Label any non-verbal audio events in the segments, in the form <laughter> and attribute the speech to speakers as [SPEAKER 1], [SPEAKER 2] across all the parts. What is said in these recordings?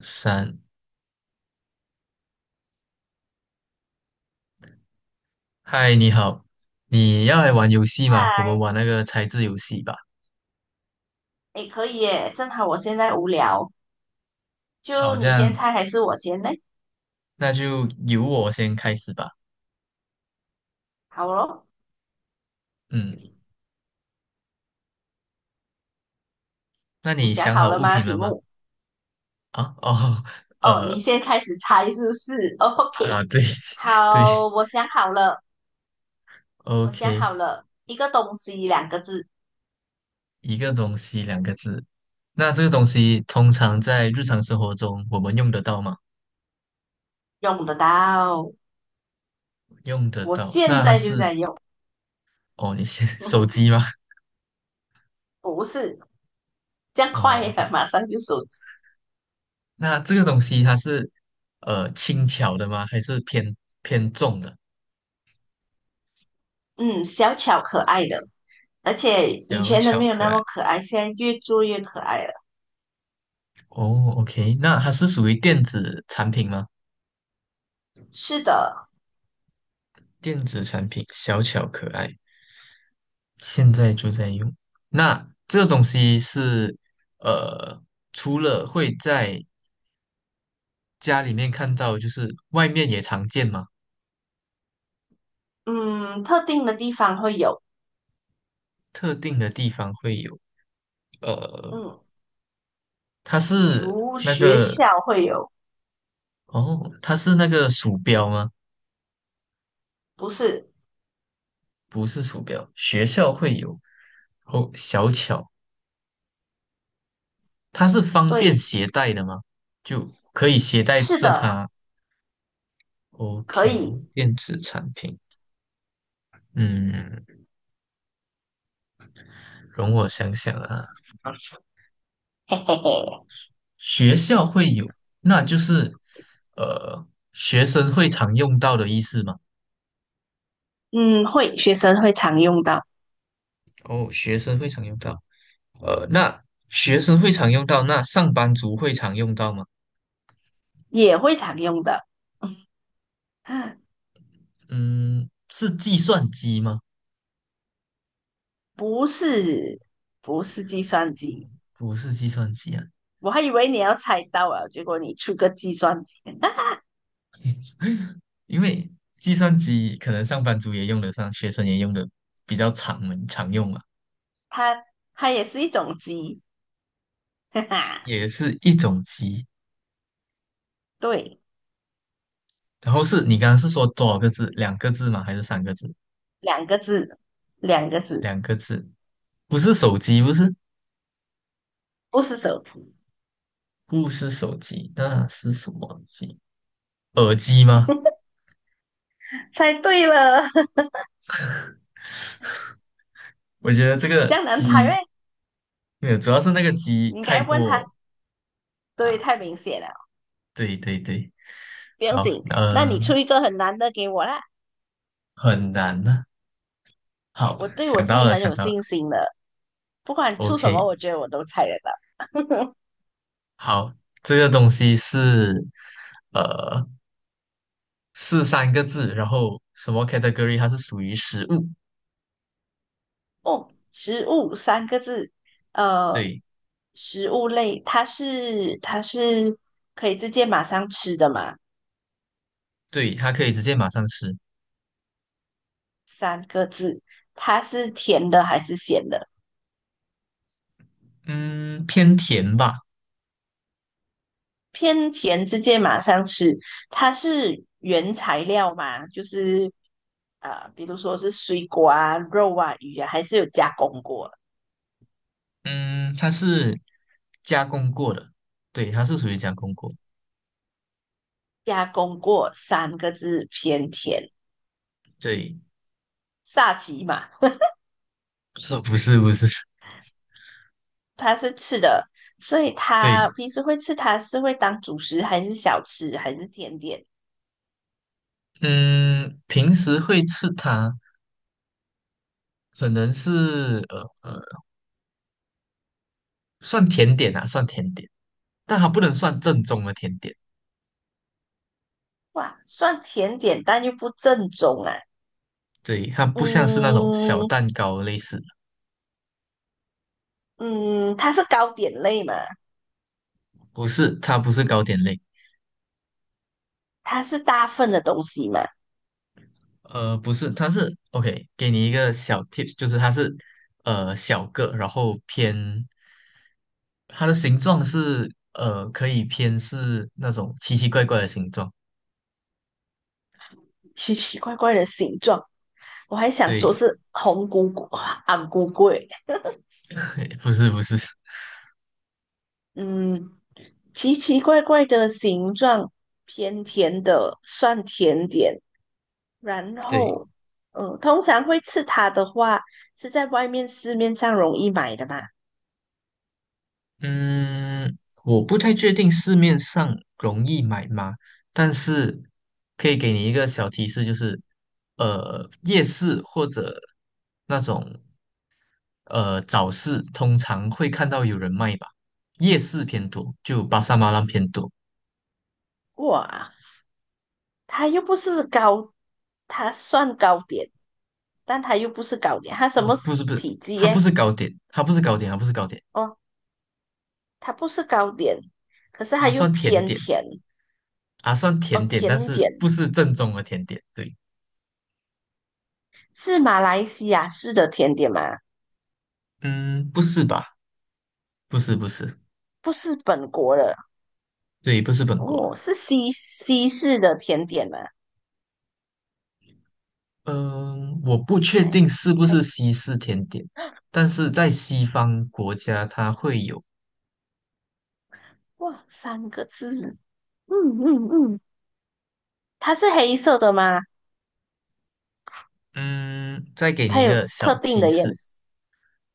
[SPEAKER 1] 三，嗨，你好，你要来玩游戏吗？我们玩那个猜字游戏吧。
[SPEAKER 2] 哎，可以耶，正好我现在无聊，就
[SPEAKER 1] 好，这
[SPEAKER 2] 你先
[SPEAKER 1] 样
[SPEAKER 2] 猜还是我先呢？
[SPEAKER 1] 那就由我先开始吧。
[SPEAKER 2] 好咯，
[SPEAKER 1] 嗯，那
[SPEAKER 2] 你
[SPEAKER 1] 你
[SPEAKER 2] 想
[SPEAKER 1] 想
[SPEAKER 2] 好
[SPEAKER 1] 好
[SPEAKER 2] 了
[SPEAKER 1] 物
[SPEAKER 2] 吗？
[SPEAKER 1] 品
[SPEAKER 2] 题
[SPEAKER 1] 了吗？
[SPEAKER 2] 目？
[SPEAKER 1] 啊，哦，<laughs>
[SPEAKER 2] 哦，你
[SPEAKER 1] 呃，
[SPEAKER 2] 先开始猜是不是哦 <laughs>
[SPEAKER 1] 啊，
[SPEAKER 2] ？OK，
[SPEAKER 1] 对 <laughs> 对
[SPEAKER 2] 好，我想好了，我想
[SPEAKER 1] ，OK，
[SPEAKER 2] 好了，一个东西两个字，
[SPEAKER 1] 一个东西两个字。那这个东西通常在日常生活中我们用得到吗？
[SPEAKER 2] 用得到，
[SPEAKER 1] 用得
[SPEAKER 2] 我
[SPEAKER 1] 到。
[SPEAKER 2] 现
[SPEAKER 1] 那它
[SPEAKER 2] 在就
[SPEAKER 1] 是，
[SPEAKER 2] 在用，
[SPEAKER 1] 哦，你先 <laughs> 手机
[SPEAKER 2] <laughs>
[SPEAKER 1] 吗？
[SPEAKER 2] 不是这样快
[SPEAKER 1] 哦
[SPEAKER 2] 呀，
[SPEAKER 1] ，OK。
[SPEAKER 2] 马上就手机，
[SPEAKER 1] 那这个东西它是轻巧的吗？还是偏重的？
[SPEAKER 2] 嗯，小巧可爱的，而且以
[SPEAKER 1] 小
[SPEAKER 2] 前的
[SPEAKER 1] 巧
[SPEAKER 2] 没有
[SPEAKER 1] 可
[SPEAKER 2] 那么
[SPEAKER 1] 爱。
[SPEAKER 2] 可爱，现在越做越可爱了。
[SPEAKER 1] 哦，OK，那它是属于电子产品吗？
[SPEAKER 2] 是的，
[SPEAKER 1] 电子产品小巧可爱，现在就在用。那这个东西是呃，除了会在家里面看到，就是外面也常见吗？
[SPEAKER 2] 嗯，特定的地方会有。
[SPEAKER 1] 特定的地方会有。呃，
[SPEAKER 2] 嗯，
[SPEAKER 1] 它
[SPEAKER 2] 比
[SPEAKER 1] 是
[SPEAKER 2] 如
[SPEAKER 1] 那
[SPEAKER 2] 学
[SPEAKER 1] 个
[SPEAKER 2] 校会有，
[SPEAKER 1] 哦，它是那个鼠标吗？
[SPEAKER 2] 不是，
[SPEAKER 1] 不是鼠标，学校会有。哦，小巧它是方便
[SPEAKER 2] 对，
[SPEAKER 1] 携带的吗？就可以携带
[SPEAKER 2] 是
[SPEAKER 1] 着
[SPEAKER 2] 的，
[SPEAKER 1] 它
[SPEAKER 2] 可
[SPEAKER 1] ？OK,
[SPEAKER 2] 以，
[SPEAKER 1] 电子产品，嗯，容我想想啊，
[SPEAKER 2] 嘿嘿嘿，
[SPEAKER 1] 学校会有，那就是呃，学生会常用到的意思吗？
[SPEAKER 2] 嗯，会，学生会常用到，
[SPEAKER 1] 哦，学生会常用到，那学生会常用到，那上班族会常用到吗？
[SPEAKER 2] 也会常用的，<laughs>
[SPEAKER 1] 嗯，是计算机吗？
[SPEAKER 2] 不是，不是计算机，
[SPEAKER 1] 不是计算机啊，
[SPEAKER 2] 我还以为你要猜到了，结果你出个计算机，<laughs>
[SPEAKER 1] 因为计算机可能上班族也用得上，学生也用的比较常门常用嘛，
[SPEAKER 2] 它它也是一种机，<laughs> 哈哈，
[SPEAKER 1] 也是一种机。
[SPEAKER 2] 对，
[SPEAKER 1] 然后是你刚刚是说多少个字？两个字吗？还是三个字？
[SPEAKER 2] 两个字，两个字，
[SPEAKER 1] 两个字，不是手机，
[SPEAKER 2] 不是手机，
[SPEAKER 1] 不是手机，那是什么机？耳机吗？
[SPEAKER 2] 猜对了，<laughs>
[SPEAKER 1] 我觉得这
[SPEAKER 2] 这
[SPEAKER 1] 个
[SPEAKER 2] 样难猜 <laughs> 咩？
[SPEAKER 1] 机，没有，主要是那个机
[SPEAKER 2] 你应该
[SPEAKER 1] 太
[SPEAKER 2] 问他，
[SPEAKER 1] 过
[SPEAKER 2] 对，
[SPEAKER 1] 啊，
[SPEAKER 2] 太明显了。
[SPEAKER 1] 对对对，
[SPEAKER 2] 不用
[SPEAKER 1] 好，
[SPEAKER 2] 紧，那你出
[SPEAKER 1] 嗯、
[SPEAKER 2] 一个很难的给我啦，
[SPEAKER 1] 很难呢、好，
[SPEAKER 2] 我对我
[SPEAKER 1] 想
[SPEAKER 2] 自
[SPEAKER 1] 到
[SPEAKER 2] 己
[SPEAKER 1] 了，
[SPEAKER 2] 很
[SPEAKER 1] 想
[SPEAKER 2] 有
[SPEAKER 1] 到了
[SPEAKER 2] 信心的，不管出什么，
[SPEAKER 1] ，OK,
[SPEAKER 2] 我觉得我都猜得到。<laughs>
[SPEAKER 1] 好，这个东西是呃是三个字，然后什么 category 它是属于食物，
[SPEAKER 2] 哦，食物三个字，呃，
[SPEAKER 1] 对
[SPEAKER 2] 食物类，它是可以直接马上吃的嘛？
[SPEAKER 1] 对，它可以直接马上吃，
[SPEAKER 2] 三个字，它是甜的还是咸的？
[SPEAKER 1] 嗯，偏甜吧，
[SPEAKER 2] 偏甜，直接马上吃。它是原材料嘛？就是啊、比如说是水果啊、肉啊、鱼啊，还是有加工过？
[SPEAKER 1] 嗯，它是加工过的，对，它是属于加工过，
[SPEAKER 2] 加工过三个字偏甜，
[SPEAKER 1] 对，
[SPEAKER 2] 萨琪玛
[SPEAKER 1] <laughs> 不是不是，
[SPEAKER 2] 它是吃的，所以
[SPEAKER 1] <laughs>
[SPEAKER 2] 它
[SPEAKER 1] 对，
[SPEAKER 2] 平时会吃它是会当主食还是小吃还是甜点？
[SPEAKER 1] 嗯，平时会吃它，可能是算甜点啊，算甜点，但它不能算正宗的甜点，
[SPEAKER 2] 哇，算甜点但又不正宗啊。
[SPEAKER 1] 对，它不像是那种小
[SPEAKER 2] 嗯
[SPEAKER 1] 蛋糕类似。
[SPEAKER 2] 嗯，它是糕点类嘛，
[SPEAKER 1] 不是，它不是糕点类，
[SPEAKER 2] 它是大份的东西嘛，
[SPEAKER 1] 不是，它是 OK,给你一个小 tips,就是它是小个，然后偏它的形状是可以偏是那种奇奇怪怪的形状，
[SPEAKER 2] 奇奇怪怪的形状。我还想说
[SPEAKER 1] 对，
[SPEAKER 2] 是红菇菇、昂菇菇欸，
[SPEAKER 1] <laughs> 不是不是，
[SPEAKER 2] 嗯，奇奇怪怪的形状，偏甜的，算甜点，然
[SPEAKER 1] 对，
[SPEAKER 2] 后，通常会吃它的话，是在外面市面上容易买的嘛。
[SPEAKER 1] 嗯，我不太确定市面上容易买吗，但是可以给你一个小提示，就是夜市或者那种早市通常会看到有人卖吧，夜市偏多，就巴沙马兰偏多。
[SPEAKER 2] 哇，它又不是糕，它算糕点，但它又不是糕点，它什
[SPEAKER 1] 哦，
[SPEAKER 2] 么
[SPEAKER 1] 不是不是，
[SPEAKER 2] 体积
[SPEAKER 1] 它不
[SPEAKER 2] 耶？
[SPEAKER 1] 是糕点，它不是糕点，它不是糕点，
[SPEAKER 2] 哦，它不是糕点，可是它
[SPEAKER 1] 啊，
[SPEAKER 2] 又
[SPEAKER 1] 算甜
[SPEAKER 2] 偏
[SPEAKER 1] 点，
[SPEAKER 2] 甜
[SPEAKER 1] 啊，算
[SPEAKER 2] 哦，
[SPEAKER 1] 甜点，但
[SPEAKER 2] 甜
[SPEAKER 1] 是
[SPEAKER 2] 点
[SPEAKER 1] 不是正宗的甜点。对，
[SPEAKER 2] 是马来西亚式的甜点吗？
[SPEAKER 1] 嗯，不是吧？不是不是，
[SPEAKER 2] 不是本国的
[SPEAKER 1] 对，不是本国。
[SPEAKER 2] 哦，是西西式的甜点吗？
[SPEAKER 1] 嗯、我不确
[SPEAKER 2] 还
[SPEAKER 1] 定是不
[SPEAKER 2] 还
[SPEAKER 1] 是西式甜点，但是在西方国家它会有。
[SPEAKER 2] 哇，三个字，嗯嗯嗯。它是黑色的吗？
[SPEAKER 1] 嗯，再给
[SPEAKER 2] 它
[SPEAKER 1] 你一个
[SPEAKER 2] 有
[SPEAKER 1] 小
[SPEAKER 2] 特定
[SPEAKER 1] 提
[SPEAKER 2] 的颜
[SPEAKER 1] 示，
[SPEAKER 2] 色？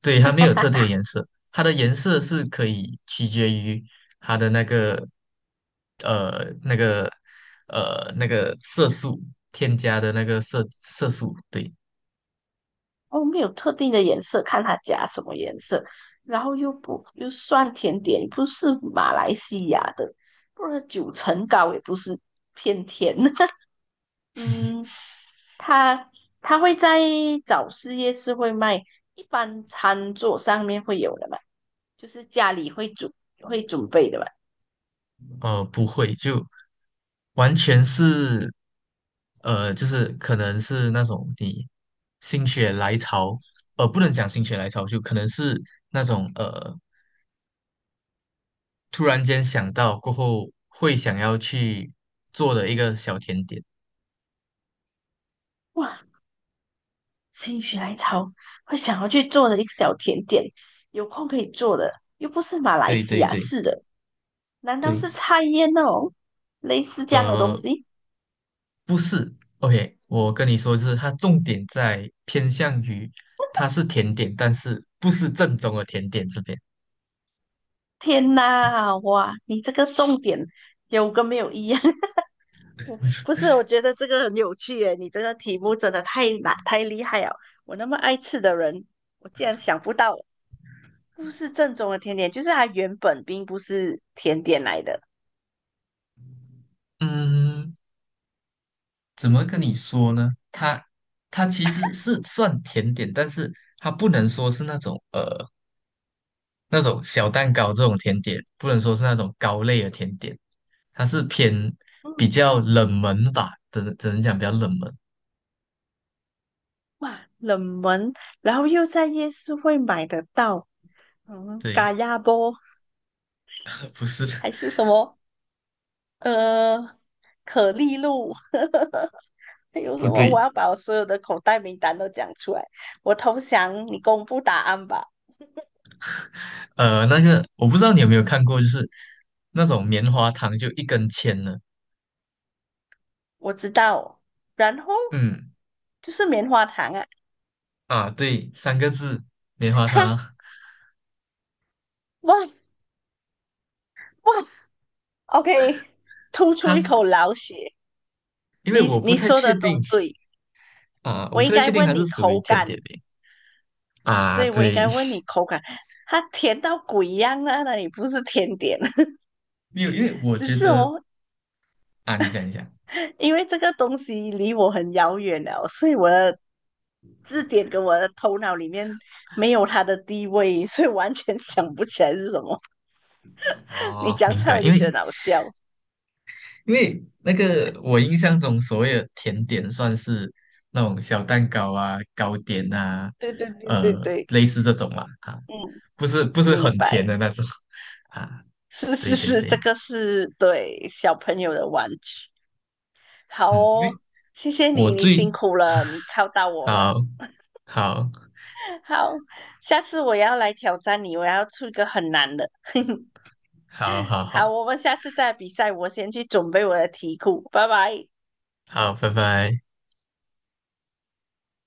[SPEAKER 1] 对，它没有特定的
[SPEAKER 2] <laughs>
[SPEAKER 1] 颜色，它的颜色是可以取决于它的那个那个那个色素添加的那个色素，对，
[SPEAKER 2] 哦，没有特定的颜色，看它加什么颜色。然后又不又算甜点，不是马来西亚的，不然九层糕也不是偏甜。<laughs> 嗯，它它会在早市夜市会卖，一般餐桌上面会有的嘛，就是家里会准备的嘛。
[SPEAKER 1] 呃不会就完全是就是可能是那种你心血来潮，不能讲心血来潮，就可能是那种突然间想到过后会想要去做的一个小甜点，
[SPEAKER 2] 哇，心血来潮会想要去做的一个小甜点，有空可以做的，又不是马来
[SPEAKER 1] 对
[SPEAKER 2] 西
[SPEAKER 1] 对
[SPEAKER 2] 亚
[SPEAKER 1] 对。
[SPEAKER 2] 是的，难道
[SPEAKER 1] 对，
[SPEAKER 2] 是菜叶那种类似这样的东
[SPEAKER 1] 呃，
[SPEAKER 2] 西？
[SPEAKER 1] 不是，OK,我跟你说，就是它重点在偏向于它是甜点，但是不是正宗的甜点这边。
[SPEAKER 2] 天呐，哇，你这个重点有跟没有一样？<laughs> 我不是，我觉得这个很有趣耶，你这个题目真的太难太厉害了。我那么爱吃的人，我竟然想不到不是正宗的甜点，就是它原本并不是甜点来的。
[SPEAKER 1] 嗯，怎么跟你说呢？它其实是算甜点，但是它不能说是那种那种小蛋糕这种甜点，不能说是那种糕类的甜点，它是偏比
[SPEAKER 2] 嗯，
[SPEAKER 1] 较冷门吧，只能讲比较冷门。
[SPEAKER 2] 哇，冷门，然后又在夜市会买得到，嗯，
[SPEAKER 1] 对，
[SPEAKER 2] 嘎亚波
[SPEAKER 1] 呃不是，
[SPEAKER 2] 还是什么，呃，可丽露，<laughs> 还有
[SPEAKER 1] <laughs>
[SPEAKER 2] 什
[SPEAKER 1] 不
[SPEAKER 2] 么？
[SPEAKER 1] 对，
[SPEAKER 2] 我要把我所有的口袋名单都讲出来。我投降，你公布答案吧。
[SPEAKER 1] 呃，那个我不知道你有没有看过，就是那种棉花糖，就一根签的。
[SPEAKER 2] 我知道，然后
[SPEAKER 1] 嗯，
[SPEAKER 2] 就是棉花糖啊，
[SPEAKER 1] 啊，对，三个字，棉花糖
[SPEAKER 2] 哈，
[SPEAKER 1] 啊。
[SPEAKER 2] 哇哇，OK，吐出
[SPEAKER 1] 它
[SPEAKER 2] 一
[SPEAKER 1] 是
[SPEAKER 2] 口老血。
[SPEAKER 1] 因为
[SPEAKER 2] 你
[SPEAKER 1] 我不
[SPEAKER 2] 你
[SPEAKER 1] 太
[SPEAKER 2] 说的
[SPEAKER 1] 确
[SPEAKER 2] 都
[SPEAKER 1] 定
[SPEAKER 2] 对，
[SPEAKER 1] 啊，我
[SPEAKER 2] 我
[SPEAKER 1] 不
[SPEAKER 2] 应
[SPEAKER 1] 太确
[SPEAKER 2] 该
[SPEAKER 1] 定它
[SPEAKER 2] 问你
[SPEAKER 1] 是属于
[SPEAKER 2] 口
[SPEAKER 1] 甜点
[SPEAKER 2] 感
[SPEAKER 1] 饼啊。
[SPEAKER 2] 对，我应
[SPEAKER 1] 对，
[SPEAKER 2] 该问你口感，它甜到鬼一样啊！那里不是甜点，<laughs>
[SPEAKER 1] <laughs> 没有，因为我
[SPEAKER 2] 只
[SPEAKER 1] 觉
[SPEAKER 2] 是
[SPEAKER 1] 得
[SPEAKER 2] 哦，
[SPEAKER 1] 啊，你讲一下
[SPEAKER 2] 因为这个东西离我很遥远了，所以我的字典跟我的头脑里面没有它的地位，所以完全想不起来是什么。<laughs> 你
[SPEAKER 1] 哦，
[SPEAKER 2] 讲
[SPEAKER 1] 明
[SPEAKER 2] 出来
[SPEAKER 1] 白。
[SPEAKER 2] 我
[SPEAKER 1] 因
[SPEAKER 2] 就
[SPEAKER 1] 为
[SPEAKER 2] 觉得好笑。
[SPEAKER 1] 因为那个我印象中所谓的甜点算是那种小蛋糕啊、糕点啊，
[SPEAKER 2] 对对对对对，
[SPEAKER 1] 类似这种啦啊，
[SPEAKER 2] 嗯，
[SPEAKER 1] 不是不是
[SPEAKER 2] 明
[SPEAKER 1] 很甜的
[SPEAKER 2] 白，
[SPEAKER 1] 那种 <laughs> 啊。
[SPEAKER 2] 是
[SPEAKER 1] 对
[SPEAKER 2] 是
[SPEAKER 1] 对
[SPEAKER 2] 是，这
[SPEAKER 1] 对，
[SPEAKER 2] 个是对小朋友的玩具。好
[SPEAKER 1] 嗯，因为
[SPEAKER 2] 哦，谢谢
[SPEAKER 1] 我
[SPEAKER 2] 你，你
[SPEAKER 1] 最
[SPEAKER 2] 辛苦了，你靠到我了。
[SPEAKER 1] 好好
[SPEAKER 2] <laughs> 好，下次我要来挑战你，我要出一个很难的。<laughs>
[SPEAKER 1] 好好好
[SPEAKER 2] 好，我们下次再比赛，我先去准备我的题库，拜拜。
[SPEAKER 1] 好，拜拜。